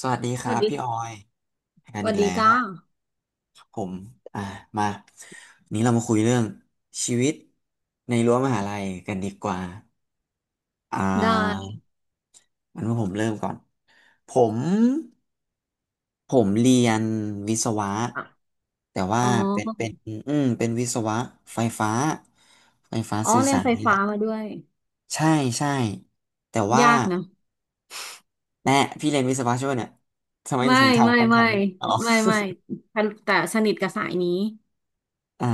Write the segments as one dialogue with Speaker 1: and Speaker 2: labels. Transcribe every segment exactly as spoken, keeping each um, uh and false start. Speaker 1: สวัสดีค
Speaker 2: ส
Speaker 1: รั
Speaker 2: วัส
Speaker 1: บพี่ออ
Speaker 2: ดี
Speaker 1: ยกั
Speaker 2: ส
Speaker 1: น
Speaker 2: วั
Speaker 1: อี
Speaker 2: ส
Speaker 1: ก
Speaker 2: ดี
Speaker 1: แล้วค
Speaker 2: จ้า
Speaker 1: รับผมอ่ามาวันนี้เรามาคุยเรื่องชีวิตในรั้วมหาลัยกันดีกว่าอ่
Speaker 2: ได้
Speaker 1: าอันว่าผมเริ่มก่อนผมผมเรียนวิศวะ
Speaker 2: อ่ะ
Speaker 1: แต่ว่า
Speaker 2: อ๋อ
Speaker 1: เป็นเป็นอืมเป็นวิศวะไฟฟ้าไฟฟ้า
Speaker 2: อ๋อ
Speaker 1: สื่อ
Speaker 2: เรียน
Speaker 1: สาร
Speaker 2: ไฟ
Speaker 1: นี่แห
Speaker 2: ฟ้า
Speaker 1: ละ
Speaker 2: มาด้วย
Speaker 1: ใช่ใช่แต่ว่า
Speaker 2: ยากนะ
Speaker 1: แน่พี่เรียนวิศวะใช่ไหมเนี่ยทำไม
Speaker 2: ไม่
Speaker 1: ถึงถาม
Speaker 2: ไม่
Speaker 1: คำถา
Speaker 2: ไม่
Speaker 1: มนี้อ๋อ
Speaker 2: ไม่ไม่แต่แต่สนิทกับสายนี้
Speaker 1: อ่า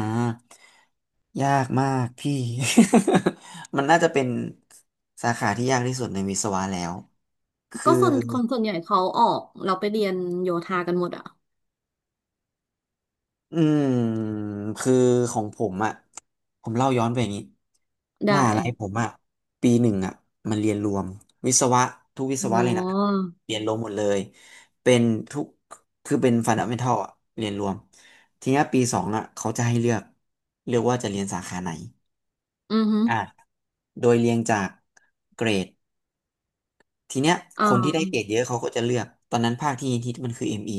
Speaker 1: ยากมากพี่ มันน่าจะเป็นสาขาที่ยากที่สุดในวิศวะแล้วคื
Speaker 2: ก็
Speaker 1: อ
Speaker 2: ส่วนคนส่วนใหญ่เขาออกเราไปเรียนโยธากันหมดอ่ะ
Speaker 1: อืมคือของผมอ่ะผมเล่าย้อนไปอย่างนี้
Speaker 2: ได้
Speaker 1: มหาลัยผมอ่ะปีหนึ่งอ่ะมันเรียนรวมวิศวะทุกวิศวะ
Speaker 2: อ๋อ
Speaker 1: เลยนะเรียนรวมหมดเลยเป็นทุกคือเป็นฟันดัเมนทัลอ่ะเรียนรวมทีเนี้ยปีสองอ่ะเขาจะให้เลือกเลือกว่าจะเรียนสาขาไหน
Speaker 2: อือฮึ
Speaker 1: อ่ะโดยเรียงจากเกรด ทีเนี้ย
Speaker 2: อ่
Speaker 1: คนที่ได้เกรด
Speaker 2: า
Speaker 1: เยอะเขาก็จะเลือกตอนนั้นภาคที่ที่มันคือ เอ็ม อี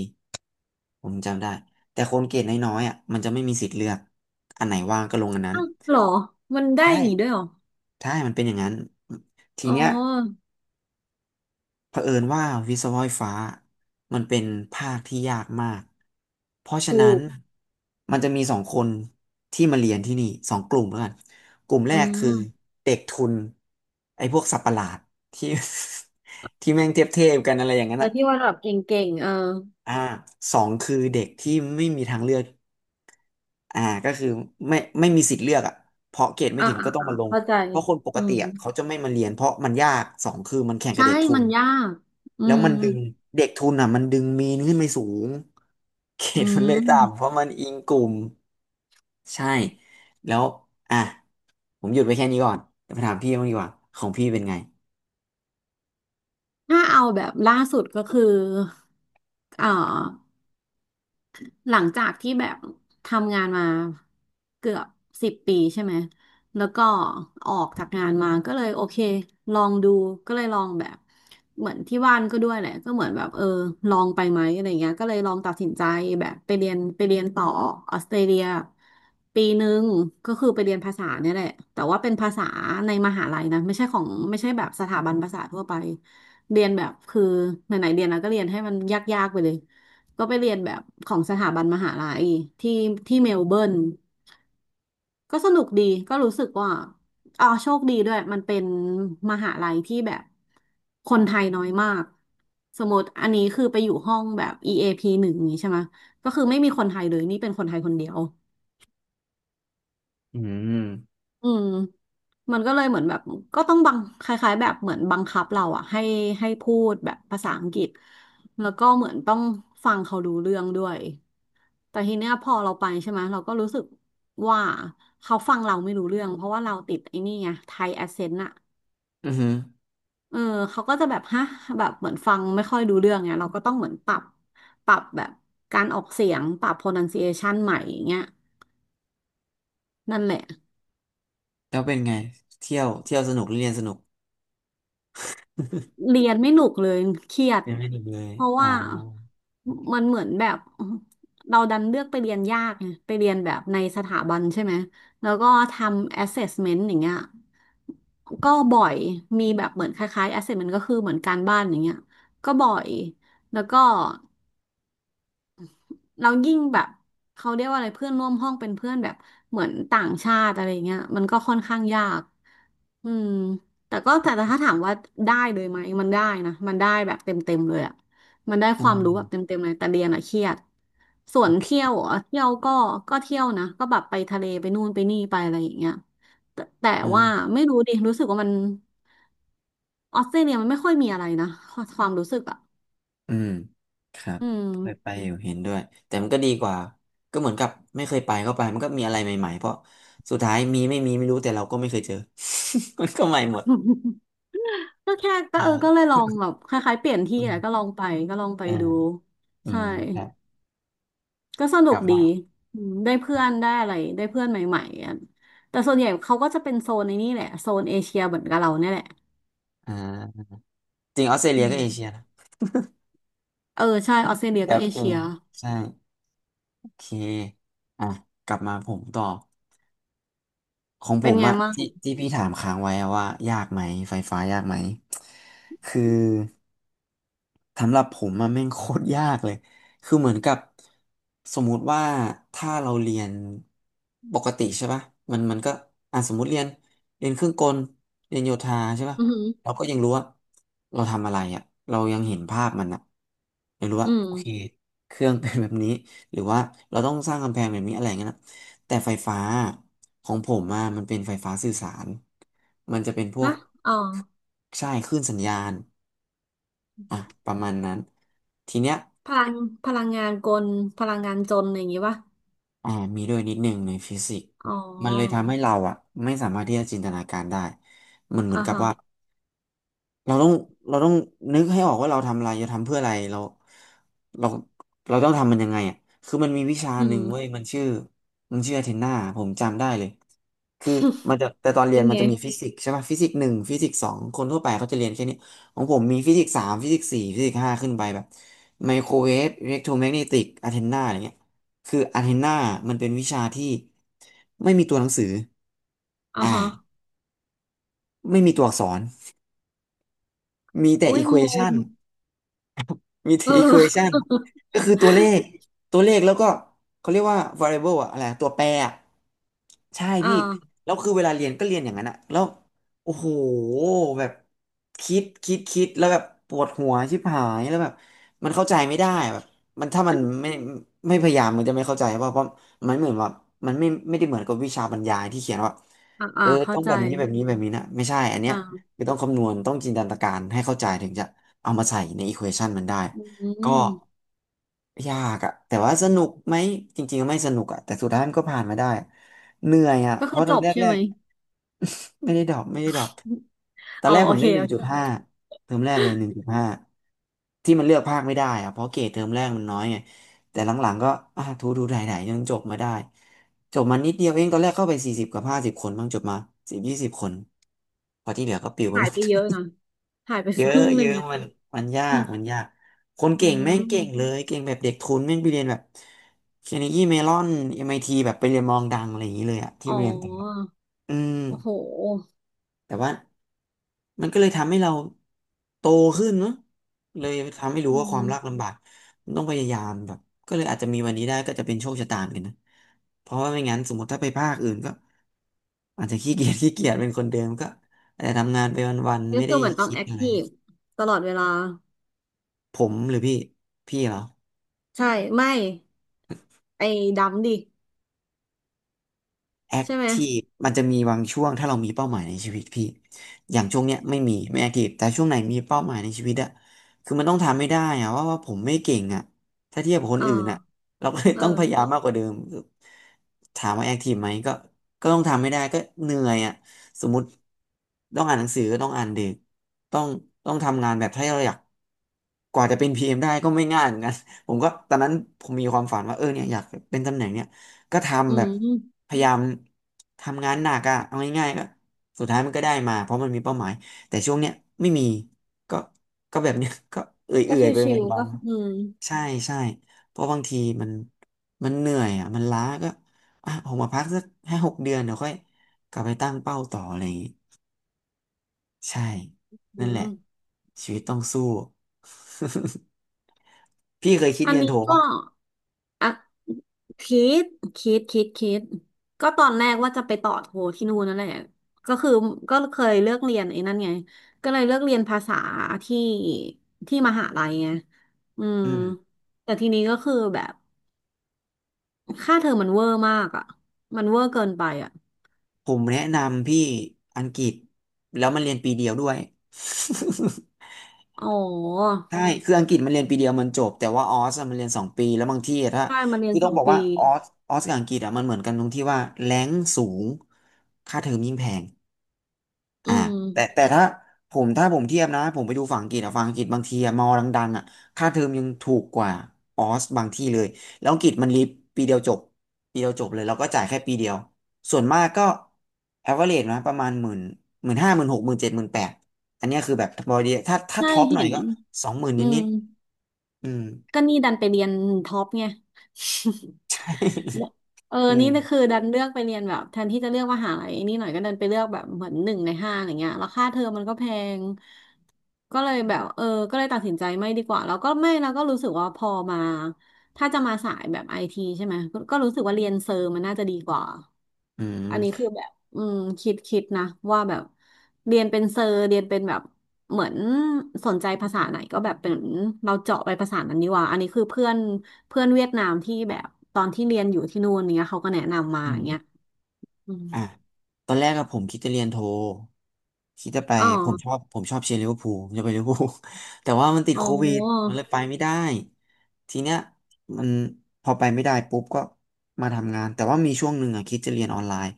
Speaker 1: ผมจำได้แต่คนเกรดน้อยๆอ่ะมันจะไม่มีสิทธิ์เลือกอันไหนว่างก็ลงอันนั้น
Speaker 2: อ้าวเหรอ มันได้อ
Speaker 1: ใช่
Speaker 2: ย่างงี้ด้วยเหรอ
Speaker 1: ใช่มันเป็นอย่างนั้นที
Speaker 2: อ๋อ
Speaker 1: เนี้ยเผอิญว่าวิศวะไฟฟ้ามันเป็นภาคที่ยากมากเพราะฉะ
Speaker 2: ถู
Speaker 1: นั้น
Speaker 2: ก
Speaker 1: มันจะมีสองคนที่มาเรียนที่นี่สองกลุ่มแล้วกันกลุ่มแร
Speaker 2: อื
Speaker 1: กคือ
Speaker 2: ม
Speaker 1: เด็กทุนไอ้พวกสับประหลาดที่ ที่แม่งเทียบเทกันอะไรอย่างนั้น
Speaker 2: แต่
Speaker 1: อะ
Speaker 2: ที่ว่าแบบเก่งๆเออ
Speaker 1: อ่าสองคือเด็กที่ไม่มีทางเลือกอ่าก็คือไม่ไม่มีสิทธิ์เลือกอ่ะเพราะเกรดไม่
Speaker 2: อ่า
Speaker 1: ถึง
Speaker 2: อ่า
Speaker 1: ก็ต้อง
Speaker 2: อ่า
Speaker 1: มาลง
Speaker 2: เข้าใจ
Speaker 1: เพราะคนปก
Speaker 2: อื
Speaker 1: ติ
Speaker 2: ม
Speaker 1: อ่ะเขาจะไม่มาเรียนเพราะมันยากสองคือมันแข่งกับ
Speaker 2: ใช่
Speaker 1: เด็กทุ
Speaker 2: มั
Speaker 1: น
Speaker 2: นยากอื
Speaker 1: แล้ว
Speaker 2: ม
Speaker 1: มันดึงเด็กทุนอ่ะมันดึงมีนขึ้นไปสูงเกร
Speaker 2: อื
Speaker 1: ดมันเลยต่ำเพ
Speaker 2: ม
Speaker 1: ราะมันอิงกลุ่มใช่แล้วอ่ะผมหยุดไว้แค่นี้ก่อนเดี๋ยวไปถามพี่บ้างดีกว่าของพี่เป็นไง
Speaker 2: ถ้าเอาแบบล่าสุดก็คือเอ่อ หลังจากที่แบบทำงานมาเกือบสิบปีใช่ไหมแล้วก็ออกจากงานมาก็เลยโอเคลองดูก็เลยลองแบบเหมือนที่บ้านก็ด้วยแหละก็เหมือนแบบเออลองไปไหมอะไรเงี้ยก็เลยลองตัดสินใจแบบไปเรียนไปเรียนต่อออสเตรเลียปีหนึ่งก็คือไปเรียนภาษาเนี่ยแหละแต่ว่าเป็นภาษาในมหาลัยนะไม่ใช่ของไม่ใช่แบบสถาบันภาษาทั่วไปเรียนแบบคือไหนๆเรียนแล้วก็เรียนให้มันยากๆไปเลย ก็ไปเรียนแบบของสถาบันมหาลัยที่ที่เมลเบิร์นก็สนุกดีก็รู้สึกว่าอ๋อโชคดีด้วยมันเป็นมหาลัยที่แบบคนไทยน้อยมากสมมติอันนี้คือไปอยู่ห้องแบบ อี เอ พี หนึ่งอย่างนี้ใช่ไหมก็คือไม่มีคนไทยเลยนี่เป็นคนไทยคนเดียว
Speaker 1: อืม
Speaker 2: อืมมันก็เลยเหมือนแบบก็ต้องบังคล้ายๆแบบเหมือนบังคับเราอะให้ให้พูดแบบภาษาอังกฤษแล้วก็เหมือนต้องฟังเขารู้เรื่องด้วย แต่ทีเนี้ยพอเราไปใช่ไหมเราก็รู้สึกว่าเขาฟังเราไม่รู้เรื่องเพราะว่าเราติดไอ้นี่ไงไทยแอสเซนต์อะ
Speaker 1: อือหือ
Speaker 2: เออเขาก็จะแบบฮะแบบเหมือนฟังไม่ค่อยรู้เรื่องไงเราก็ต้องเหมือนปรับปรับแบบการออกเสียงปรับ pronunciation ใหม่อย่างเงี้ยนั่นแหละ
Speaker 1: แล้วเป็นไงเที่ยวเที่ยวสนุกหรือเรียนสนุก
Speaker 2: เรียนไม่หนุกเลยเครียด
Speaker 1: เรียนไม่สนุกเลย
Speaker 2: เพราะ
Speaker 1: อ๋อ
Speaker 2: ว่ามันเหมือนแบบเราดันเลือกไปเรียนยากไงไปเรียนแบบในสถาบันใช่ไหมแล้วก็ทำ assessment อย่างเงี้ยก็บ่อยมีแบบเหมือนคล้ายๆ assessment ก็คือเหมือนการบ้านอย่างเงี้ยก็บ่อยแล้วก็เรายิ่งแบบเขาเรียกว่าอะไรเพื่อนร่วมห้องเป็นเพื่อนแบบเหมือนต่างชาติอะไรเงี้ยมันก็ค่อนข้างยาก อืมแต่ก็แต่ถ้าถามว่าได้เลยไหมมันได้นะมันได้แบบเต็มเต็มเลยอ่ะมันได้
Speaker 1: อื
Speaker 2: ความรู้แบบ
Speaker 1: ม
Speaker 2: เต็มเต็มเลยแต่เรียนอ่ะเครียดส่
Speaker 1: โอ
Speaker 2: วนเที่ย
Speaker 1: เค
Speaker 2: วอ่ะเที่ยวก็ก็เที่ยวนะก็แบบไปทะเลไปนู่นไปนี่ไปอะไรอย่างเงี้ยแต่แต่ว่า
Speaker 1: อ่า
Speaker 2: ไม่รู้ดิรู้สึกว่ามันออสเตรเลียมันไม่ค่อยมีอะไรนะความรู้สึกอ่ะ
Speaker 1: อืมครับ
Speaker 2: อืม
Speaker 1: เคยไปอยู่เห็นด้วยแต่มันก็ดีกว่าก็เหมือนกับไม่เคยไปก็ไปมันก็มีอะไรใหม่ๆเพราะสุดท้ายมีไม่มีไม่รู้แต่เราก็ไม่เคยเจอ มันก็ใหม่หมด
Speaker 2: ก็แค่ก็
Speaker 1: ใช่
Speaker 2: เออก็เลยลองแบบคล้ายๆเปลี่ยนที่
Speaker 1: อื
Speaker 2: แหละก็ล
Speaker 1: ม
Speaker 2: องไปก็ลองไป
Speaker 1: อ่า
Speaker 2: ดู
Speaker 1: อื
Speaker 2: ใช่
Speaker 1: มครับ
Speaker 2: ก็ส
Speaker 1: ก
Speaker 2: นุก
Speaker 1: ลับ
Speaker 2: ดี
Speaker 1: มา
Speaker 2: อืมได้เพื่อนได้อะไร ได้เพื่อนใหม่ๆอะแต่ส่วนใหญ่เขาก็จะเป็นโซนในนี่แหละ โซนเอเชียเหมือนกับเราเนี่ยแหละ
Speaker 1: อ่าจริงออสเตร
Speaker 2: อื
Speaker 1: เลีย
Speaker 2: ม
Speaker 1: ก็เอเชียนะ
Speaker 2: เออใช่ออสเตรเลีย
Speaker 1: ครั
Speaker 2: ก็
Speaker 1: บ
Speaker 2: เอ
Speaker 1: อื
Speaker 2: เชี
Speaker 1: ม
Speaker 2: ย
Speaker 1: ใช่โอเคอ่ะกลับมาผมต่อของผ
Speaker 2: เป็น
Speaker 1: ม
Speaker 2: ไง
Speaker 1: อะ
Speaker 2: บ้าง
Speaker 1: ที่ที่พี่ถามค้างไว้อะว่ายากไหมไฟฟ้ายากไหมคือ สำหรับผมมันแม่งโคตรยากเลยคือเหมือนกับสมมุติว่าถ้าเราเรียนปกติใช่ป่ะมันมันก็อ่ะสมมติเรียนเรียนเครื่องกลเรียนโยธาใช่ป่ะ
Speaker 2: อือหือ
Speaker 1: เราก็ยังรู้ว่าเราทำอะไรอ่ะเรายังเห็นภาพมันอ่ะยังรู้
Speaker 2: อื
Speaker 1: ว่า
Speaker 2: ม
Speaker 1: โอเคเครื่องเป็นแบบนี้หรือว่าเราต้องสร้างกำแพงแบบนี้อะไรอย่างเงี้ยนะแต่ไฟฟ้าของผมอะมันเป็นไฟฟ้าสื่อสารมันจะเป็นพว
Speaker 2: ฮะ
Speaker 1: ก
Speaker 2: อ๋อ
Speaker 1: ใช่คลื่นสัญญาณ อ่ะประมาณนั้นทีเนี้ย
Speaker 2: พลังพลังงานกลพลังงานจนอะไรอย่างงี้ป่ะ
Speaker 1: อ่ามีด้วยนิดนึงในฟิสิกส์
Speaker 2: อ๋อ
Speaker 1: มันเลยทำให้เราอ่ะไม่สามารถที่จะจินตนาการได้มันเหมือ
Speaker 2: อ่า
Speaker 1: นกับ
Speaker 2: ฮะ
Speaker 1: ว่า เราต้องเราต้องนึกให้ออกว่าเราทำอะไรจะทำเพื่ออะไรเราเราเราต้องทำมันยังไงอ่ะคือมันมีวิชา
Speaker 2: อื
Speaker 1: ห
Speaker 2: ม
Speaker 1: นึ่งเว้ยมันชื่อมันชื่อเทนนาผมจำได้เลยคือมันจะแต่ตอน เรีย
Speaker 2: เป็
Speaker 1: น
Speaker 2: น
Speaker 1: มัน
Speaker 2: ไง
Speaker 1: จะมีฟิสิกส์ใช่ป่ะฟิสิกส์หนึ่งฟิสิกส์สองคนทั่วไปเขาจะเรียนแค่นี้ของผมมีฟิสิกส์สามฟิสิกส์สี่ฟิสิกส์ห้าขึ้นไปแบบไมโครเวฟอิเล็กโทรแมกเนติกอะเทนนาอะไรเงี้ยคืออะเทนนามันเป็นวิชาที่ไม่มีตัวหนังสือ
Speaker 2: อ่า
Speaker 1: อ่า
Speaker 2: ฮะ
Speaker 1: ไม่มีตัวอักษรมีแต่
Speaker 2: โอ้
Speaker 1: อี
Speaker 2: ย
Speaker 1: ค
Speaker 2: ง
Speaker 1: วอชั
Speaker 2: ง
Speaker 1: น มี
Speaker 2: เออ
Speaker 1: equation ก็คือตัวเลขตัวเลขแล้วก็เขาเรียกว่า variable อะอะไรอะตัวแปรอะใช่
Speaker 2: อ่
Speaker 1: พี่
Speaker 2: า
Speaker 1: แล้วคือเวลาเรียนก็เรียนอย่างนั้นอะแล้วโอ้โหแบบคิดคิดคิดแล้วแบบปวดหัวชิบหายแล้วแบบมันเข้าใจไม่ได้อะแบบมันถ้ามันไม่ไม่พยายามมันจะไม่เข้าใจว่าเพราะมันเหมือนว่ามันไม่ไม่ได้เหมือนกับวิชาบรรยายที่เขียนว่า
Speaker 2: อ่า
Speaker 1: เอ
Speaker 2: อ่า
Speaker 1: อ
Speaker 2: เข้า
Speaker 1: ต้อง
Speaker 2: ใจ
Speaker 1: แบบนี้แบบนี้แบบนี้นะไม่ใช่อันเนี้ย
Speaker 2: อ่า
Speaker 1: คือต้องคำนวณต้องจินตนาการให้เข้าใจถึงจะ เอามาใส่ในอีควอชันมันได้
Speaker 2: อื
Speaker 1: ก็
Speaker 2: ม
Speaker 1: ยากอะแต่ว่าสนุกไหมจริงๆไม่สนุกอะแต่สุดท้ายมันก็ผ่านมาได้เหนื่อยอะ
Speaker 2: ก็
Speaker 1: เพ
Speaker 2: คือ
Speaker 1: ราะต
Speaker 2: จ
Speaker 1: อน
Speaker 2: บ
Speaker 1: แร
Speaker 2: ใช่ไหม
Speaker 1: กๆ ไม่ได้ดรอปไม่ได้ดรอปตอ
Speaker 2: อ๋
Speaker 1: น
Speaker 2: อ
Speaker 1: แรก
Speaker 2: โอ
Speaker 1: ผม
Speaker 2: เค
Speaker 1: ได้หนึ่งจุดห้าเทอมแรกเลยหนึ่งจุดห้าที่มันเลือกภาคไม่ได้อะเพราะเกรดเทอมแรกมันน้อยไงแต่หลังๆก็อ่ะทูทูไถ่ๆจนจบมาได้จบมานิดเดียวเองตอนแรกเข้าไปสี่สิบกับห้าสิบคนบ้างจบมาสิบยี่สิบคนพอที่เหลือก็ปลิวไป
Speaker 2: หา
Speaker 1: ห
Speaker 2: ย
Speaker 1: มด
Speaker 2: ไปเยอะนะหายไป
Speaker 1: เย
Speaker 2: ค
Speaker 1: อะ
Speaker 2: รึ่งห
Speaker 1: เย
Speaker 2: นึ่ง
Speaker 1: อะ
Speaker 2: อะ
Speaker 1: มันมันยา
Speaker 2: อื
Speaker 1: ก
Speaker 2: ม
Speaker 1: มันยากคน
Speaker 2: อื
Speaker 1: เก่งแม่งเก่งเล
Speaker 2: ม
Speaker 1: ยเก่งแบบเด็กทุนแม่งไปเรียนแบบเคนยีเมลอนเอ็มไอทีแบบไปเรียนมองดังอะไรอย่างนี้เลยอะที่
Speaker 2: อ๋
Speaker 1: เรียนต่างประเทศ
Speaker 2: อ
Speaker 1: อืม
Speaker 2: โอ้โห
Speaker 1: แต่ว่ามันก็เลยทำให้เราโตขึ้นเนอะเลยทำให้รู้
Speaker 2: อื
Speaker 1: ว่าความยาก
Speaker 2: ม
Speaker 1: ลำบากมันต้องพยายามแบบก็เลยอาจจะมีวันนี้ได้ก็จะเป็นโชคชะตาเหมือนกันนะเพราะว่าไม่งั้นสมมติถ้าไปภาคอื่นก็อาจจะขี้เกียจ ขี้เกียจเป็นคนเดิมก็อาจจะทำงานไปวันๆ
Speaker 2: ก็
Speaker 1: ไม่
Speaker 2: คื
Speaker 1: ได้
Speaker 2: อเหมือนต้อง
Speaker 1: คิด
Speaker 2: แอค
Speaker 1: อะไร
Speaker 2: ทีฟตลอดเวลา
Speaker 1: ผมหรือพี่พี่เหรอ
Speaker 2: ใช่ ไม่ ไอ้ดำดิ
Speaker 1: แอค
Speaker 2: ใช่ไหม
Speaker 1: ทีฟมันจะมีบางช่วงถ้าเรามีเป้าหมายในชีวิตพี่อย่างช่วงเนี้ยไม่มีไม่แอคทีฟแต่ช่วงไหนมีเป้าหมายในชีวิตอะคือมันต้องทำไม่ได้อะว่าว่าผมไม่เก่งอะถ้าเทียบกับคน
Speaker 2: เอ
Speaker 1: อื่น
Speaker 2: อ
Speaker 1: อะเราก็เลย
Speaker 2: เอ
Speaker 1: ต้องพยายาม
Speaker 2: อ
Speaker 1: มากกว่าเดิมถามว่าแอคทีฟไหมก็ก็ต้องทำไม่ได้ก็เหนื่อยอะสมมติต้องอ่านหนังสือก็ต้องอ่านดึกต้องต้องทำงานแบบถ้าเราอยากกว่าจะเป็นพีเอ็มได้ก็ไม่ง่ายเหมือนกัน ผมก็ตอนนั้นผมมีความฝันว่าเออเนี่ยอยากเป็นตำแหน่งเนี่ย ก็
Speaker 2: อื
Speaker 1: ทำแบบ
Speaker 2: ม
Speaker 1: พยายามทำงานหนักอะเอาง่ายๆก็สุดท้ายมันก็ได้มาเพราะมันมีเป้าหมายแต่ช่วงเนี้ยไม่มีก็ก็แบบเนี้ย ก็เอ
Speaker 2: ก็
Speaker 1: ื่อยๆไป
Speaker 2: ชิวๆ
Speaker 1: วั
Speaker 2: ก็
Speaker 1: น
Speaker 2: อืม
Speaker 1: ๆใช่ใช่เพราะบางทีมันมันเหนื่อยอะมันล้าก็อ่ะออกมาพักสักห้าหกเดือนเดี๋ยวค่อยกลับไปตั้งเป้าต่ออะไรอย่างงี้ใช่
Speaker 2: อื
Speaker 1: นั่นแหละ
Speaker 2: ม
Speaker 1: ชีวิตต้องสู้ พี่เคยคิด
Speaker 2: อัน
Speaker 1: เรียน
Speaker 2: นี้
Speaker 1: โท
Speaker 2: ก็
Speaker 1: ปะ
Speaker 2: อ่ะ คิดคิดคิดคิดก็ตอนแรกว่าจะไปต่อโทที่นู่นนั่นแหละก็คือก็เคยเลือกเรียนไอ้นั่นไงก็เลยเลือกเรียนภาษาที่ที่มหาลัยไงอืม
Speaker 1: อืม
Speaker 2: แต่ทีนี้ก็คือแบบค่าเทอมมันเวอร์มากอ่ะมันเวอร์เกินไปอ่ะ
Speaker 1: ผมแนะนำพี่อังกฤษแล้วมันเรียนปีเดียวด้วย
Speaker 2: อ๋อ
Speaker 1: ใช่คืออังกฤษมันเรียนปีเดียวมันจบแต่ว่าออสอะมันเรียนสองปีแล้วบางที่อะถ้า
Speaker 2: ใช่มาเรีย
Speaker 1: คื
Speaker 2: น
Speaker 1: อ
Speaker 2: ส
Speaker 1: ต้อ
Speaker 2: อ
Speaker 1: ง
Speaker 2: ง
Speaker 1: บอกว่า
Speaker 2: ปี
Speaker 1: ออสออสกับอังกฤษอ่ะมันเหมือนกันตรงที่ว่าแรงสูงค่าเทอมยิ่งแพง
Speaker 2: อื
Speaker 1: อ่า
Speaker 2: ม
Speaker 1: แต่แต่ถ้าผมถ้าผมเทียบนะผมไปดูฝั่งอังกฤษอะฝั่งอังกฤษบางทีอะมอดังๆอะค่าเทอมยังถูกกว่าออสบางที่เลยแล้วอังกฤษมันรีบปีเดียวจบปีเดียวจบเลยแล้วก็จ่ายแค่ปีเดียวส่วนมากก็ average นะประมาณหมื่นหมื่นห้าหมื่นหกหมื่นเจ็ดหมื่นแปดอันเนี้ยคือแบบพอดีถ้าถ้า
Speaker 2: ใช่
Speaker 1: ท็อปหน่
Speaker 2: เห็
Speaker 1: อย
Speaker 2: น
Speaker 1: ก็สองหมื่น
Speaker 2: อื
Speaker 1: นิ
Speaker 2: ม
Speaker 1: ดๆอืม
Speaker 2: ก็นี่ดันไปเรียนท็อปไง
Speaker 1: ใช่
Speaker 2: เออ
Speaker 1: อืม
Speaker 2: นี่นะคือดันเลือกไปเรียนแบบแทนที่จะเลือกมหาลัยไนี่หน่อยก็ดันไปเลือกแบบเหมือนหนึ่งในห้าอะไรเงี้ยแล้วค่าเทอมมันก็แพงก็เลยแบบเออก็เลยตัดสินใจไม่ดีกว่าแล้วก็ไม่แล้วก็รู้สึกว่าพอมาถ้าจะมาสายแบบไอทีใช่ไหมก็ก็รู้สึกว่าเรียนเซอร์มันน่าจะดีกว่า
Speaker 1: อื
Speaker 2: อันนี้
Speaker 1: ม
Speaker 2: คือแบบอืมคิดคิดนะว่าแบบเรียนเป็นเซอร์เรียนเป็นแบบเหมือนสนใจภาษาไหนก็แบบเป็นเราเจาะไปภาษานั้นดีกว่าอันนี้คือเพื่อนเพื่อนเวียดนามที่แบบตอนที่เรียนอยู่ที่นู่นเนี้ยเขาก็แนะนำมา
Speaker 1: อื
Speaker 2: อ
Speaker 1: ม
Speaker 2: ย่างเงี้ยอืม
Speaker 1: อ่ะตอนแรกอะผมคิดจะเรียนโทคิดจะไป
Speaker 2: อ๋อ
Speaker 1: ผมชอบผมชอบเชียร์ลิเวอร์พูล ผมจะไปลิเวอร์พูล แต่ว่ามันติด
Speaker 2: อ๋
Speaker 1: โค
Speaker 2: อ
Speaker 1: วิดมันเลยไปไม่ได้ทีเนี้ยมันพอไปไม่ได้ปุ๊บก็มาทำงานแต่ว่ามีช่วงหนึ่งอะคิดจะเรียนออนไลน์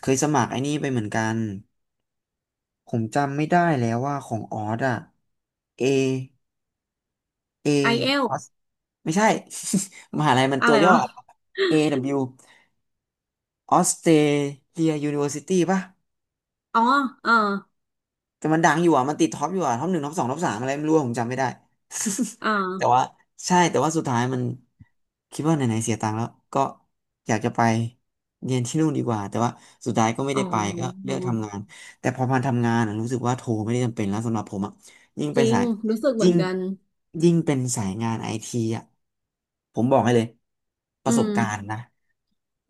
Speaker 1: เคยสมัครไอ้นี่ไปเหมือนกันผมจำไม่ได้แล้วว่าของออสอะเอเออ
Speaker 2: ไอเอล
Speaker 1: อสไม่ใช่ มหาลัยมัน
Speaker 2: อะ
Speaker 1: ตั
Speaker 2: ไร
Speaker 1: วย่อ
Speaker 2: วะ
Speaker 1: เ w Australia University ป่ะ
Speaker 2: อ๋อเออ
Speaker 1: แต่มันดังอยู่อ่ะมันติดท็อปอยู่อ่ะท็อปหนึ่งท็อปสองท็อปสามอะไรไม่รู้อะผมจำไม่ได้
Speaker 2: อ่า
Speaker 1: แต่ว่าใช่แต่ว่าสุดท้ายมันคิดว่าไหนๆเสียตังค์แล้วก็อยากจะไปเรียนที่นู่นดีกว่าแต่ว่าสุดท้ายก็ไม่
Speaker 2: อ๋อ
Speaker 1: ได้ไปก็เลือกทำงานแต่พอมาทำงานอะรู้สึกว่าโทรไม่ได้จำเป็นแล้วสำหรับผมอ่ะยิ่ง
Speaker 2: จ
Speaker 1: ไป
Speaker 2: ริง
Speaker 1: สาย
Speaker 2: รู้สึกเหมื
Speaker 1: ยิ่
Speaker 2: อ
Speaker 1: ง
Speaker 2: นกัน
Speaker 1: ยิ่งเป็นสายงานไอทีอ่ะผมบอกให้เลยป
Speaker 2: อื
Speaker 1: ระสบ
Speaker 2: ม
Speaker 1: การณ์นะ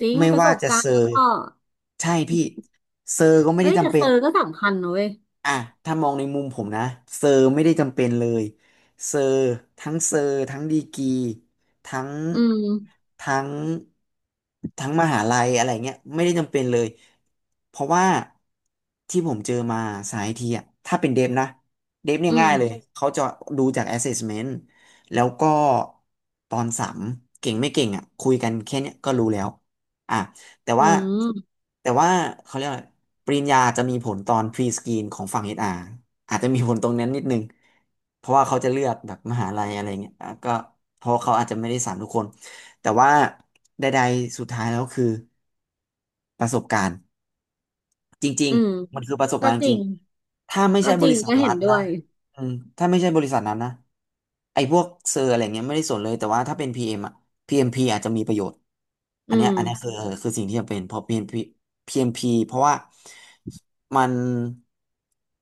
Speaker 2: จริง
Speaker 1: ไม่
Speaker 2: ประส
Speaker 1: ว่า
Speaker 2: บ
Speaker 1: จะ
Speaker 2: การ
Speaker 1: เซอ
Speaker 2: ณ์แล้ว
Speaker 1: ร์
Speaker 2: ก็
Speaker 1: ใช่พี่เซอร์ก็ไม่
Speaker 2: เอ้
Speaker 1: ได้
Speaker 2: ยแต่
Speaker 1: จำเป็
Speaker 2: เซ
Speaker 1: น
Speaker 2: อร์ก็สำคัญนะเว้ย
Speaker 1: อ่ะถ้ามองในมุมผมนะเซอร์ไม่ได้จำเป็นเลยเซอร์ทั้งเซอร์ทั้งดีกรีทั้ง
Speaker 2: อืม
Speaker 1: ทั้งทั้งมหาลัยอะไรเงี้ยไม่ได้จำเป็นเลยเพราะว่าที่ผมเจอมาสายทีอ่ะถ้าเป็นเดฟนะเดฟเนี่
Speaker 2: อื
Speaker 1: ยง่ายเลย
Speaker 2: ม
Speaker 1: เขาจะดูจาก assessment แล้วก็ตอนสัมเก่งไม่เก่งอ่ะคุยกันแค่เนี้ยก็รู้แล้วอ่ะ แต่
Speaker 2: อื
Speaker 1: ว่า
Speaker 2: ม
Speaker 1: แต่ว่าเขาเรียกอะไรปริญญาจะมีผลตอนพรีสกรีนของฝั่ง เอช อาร์ อชอาร์อาจจะมีผลตรงนั้นนิดนึงเพราะว่าเขาจะเลือกแบบมหาลัยอะไรเงี้ยอ่ะก็เพราะเขาอาจจะไม่ได้สารทุกคนแต่ว่าใดๆสุดท้ายแล้วคือประสบการณ์ จริง
Speaker 2: อืม
Speaker 1: ๆมันคือประสบ
Speaker 2: ก็
Speaker 1: การณ์
Speaker 2: จ
Speaker 1: จ
Speaker 2: ริ
Speaker 1: ริง
Speaker 2: ง
Speaker 1: ถ้าไม่
Speaker 2: ก็
Speaker 1: ใช่
Speaker 2: จ
Speaker 1: บ
Speaker 2: ริ
Speaker 1: ริ
Speaker 2: ง
Speaker 1: ษัท
Speaker 2: ก็
Speaker 1: รั
Speaker 2: เห็น
Speaker 1: ฐ
Speaker 2: ด้
Speaker 1: นะ
Speaker 2: วย
Speaker 1: อืมถ้าไม่ใช่บริษัทนั้นนะไอ้พวกเซอร์อะไรเงี้ยไม่ได้สนเลยแต่ว่าถ้าเป็น พี เอ็ม อมอ่ะพีเอมพีอาจจะมีประโยชน์อั
Speaker 2: อื
Speaker 1: นเนี้ย
Speaker 2: ม
Speaker 1: อันเนี้ยคือคือสิ่งที่จะเป็นเพราะ พี เอ็ม พี p พีพีเอ็มพเพราะว่ามัน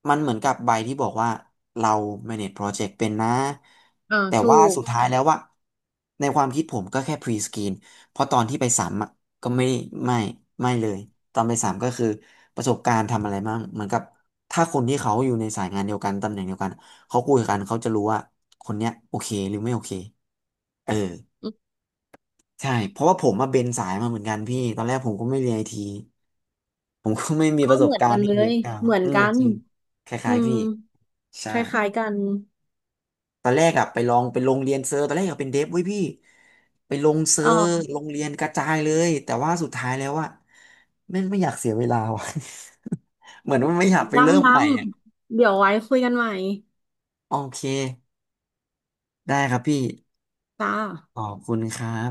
Speaker 1: มันเหมือนกับใบที่บอกว่าเรา manage project เป็นนะ
Speaker 2: อ่า
Speaker 1: แต่
Speaker 2: ถู
Speaker 1: ว่า
Speaker 2: ก
Speaker 1: สุดท้ายแล้วว่าในความคิดผมก็แค่ pre screen เพราะตอนที่ไปสัมอะ ก็ไม่ไม่ไม่เลยตอนไปสามก็คือประสบการณ์ทำอะไรบ้างเหมือนกับถ้าคนที่เขาอยู่ในสายงานเดียวกันตำแหน่งเดียวกันเขาคุยกันเขาจะรู้ว่าคนเนี้ยโอเคหรือไม่โอเคเออใช่เพราะว่าผมมาเบนสายมาเหมือนกันพี่ตอนแรกผมก็ไม่เรียนไอทีผมก็ไม่มี
Speaker 2: ก็
Speaker 1: ประส
Speaker 2: เห
Speaker 1: บ
Speaker 2: มือน
Speaker 1: การ
Speaker 2: กั
Speaker 1: ณ์
Speaker 2: น
Speaker 1: ที่
Speaker 2: เล
Speaker 1: มี
Speaker 2: ย
Speaker 1: การ
Speaker 2: เหมือน
Speaker 1: อืม
Speaker 2: กัน
Speaker 1: จริงค
Speaker 2: อื
Speaker 1: ล้ายๆ
Speaker 2: ม
Speaker 1: พี่ใช่
Speaker 2: คล้ายๆกัน
Speaker 1: ตอนแรกอะไปลองไปลงเรียนเซอร์ตอนแรกอยากเป็นเดฟเว้ยพี่ไปลงเซอ
Speaker 2: อ๋
Speaker 1: ร์
Speaker 2: อ
Speaker 1: ลงเรียนกระจายเลยแต่ว่าสุดท้ายแล้วอะไม่ไม่อยากเสียเวลาว่ะ เหมือนว่าไม่อยากไปเริ่ม
Speaker 2: น้ำน้
Speaker 1: ใหม่อะ
Speaker 2: ำเดี๋ยวไว้คุยกันใหม่
Speaker 1: โอเคได้ครับพี่
Speaker 2: จ้า
Speaker 1: ขอบคุณครับ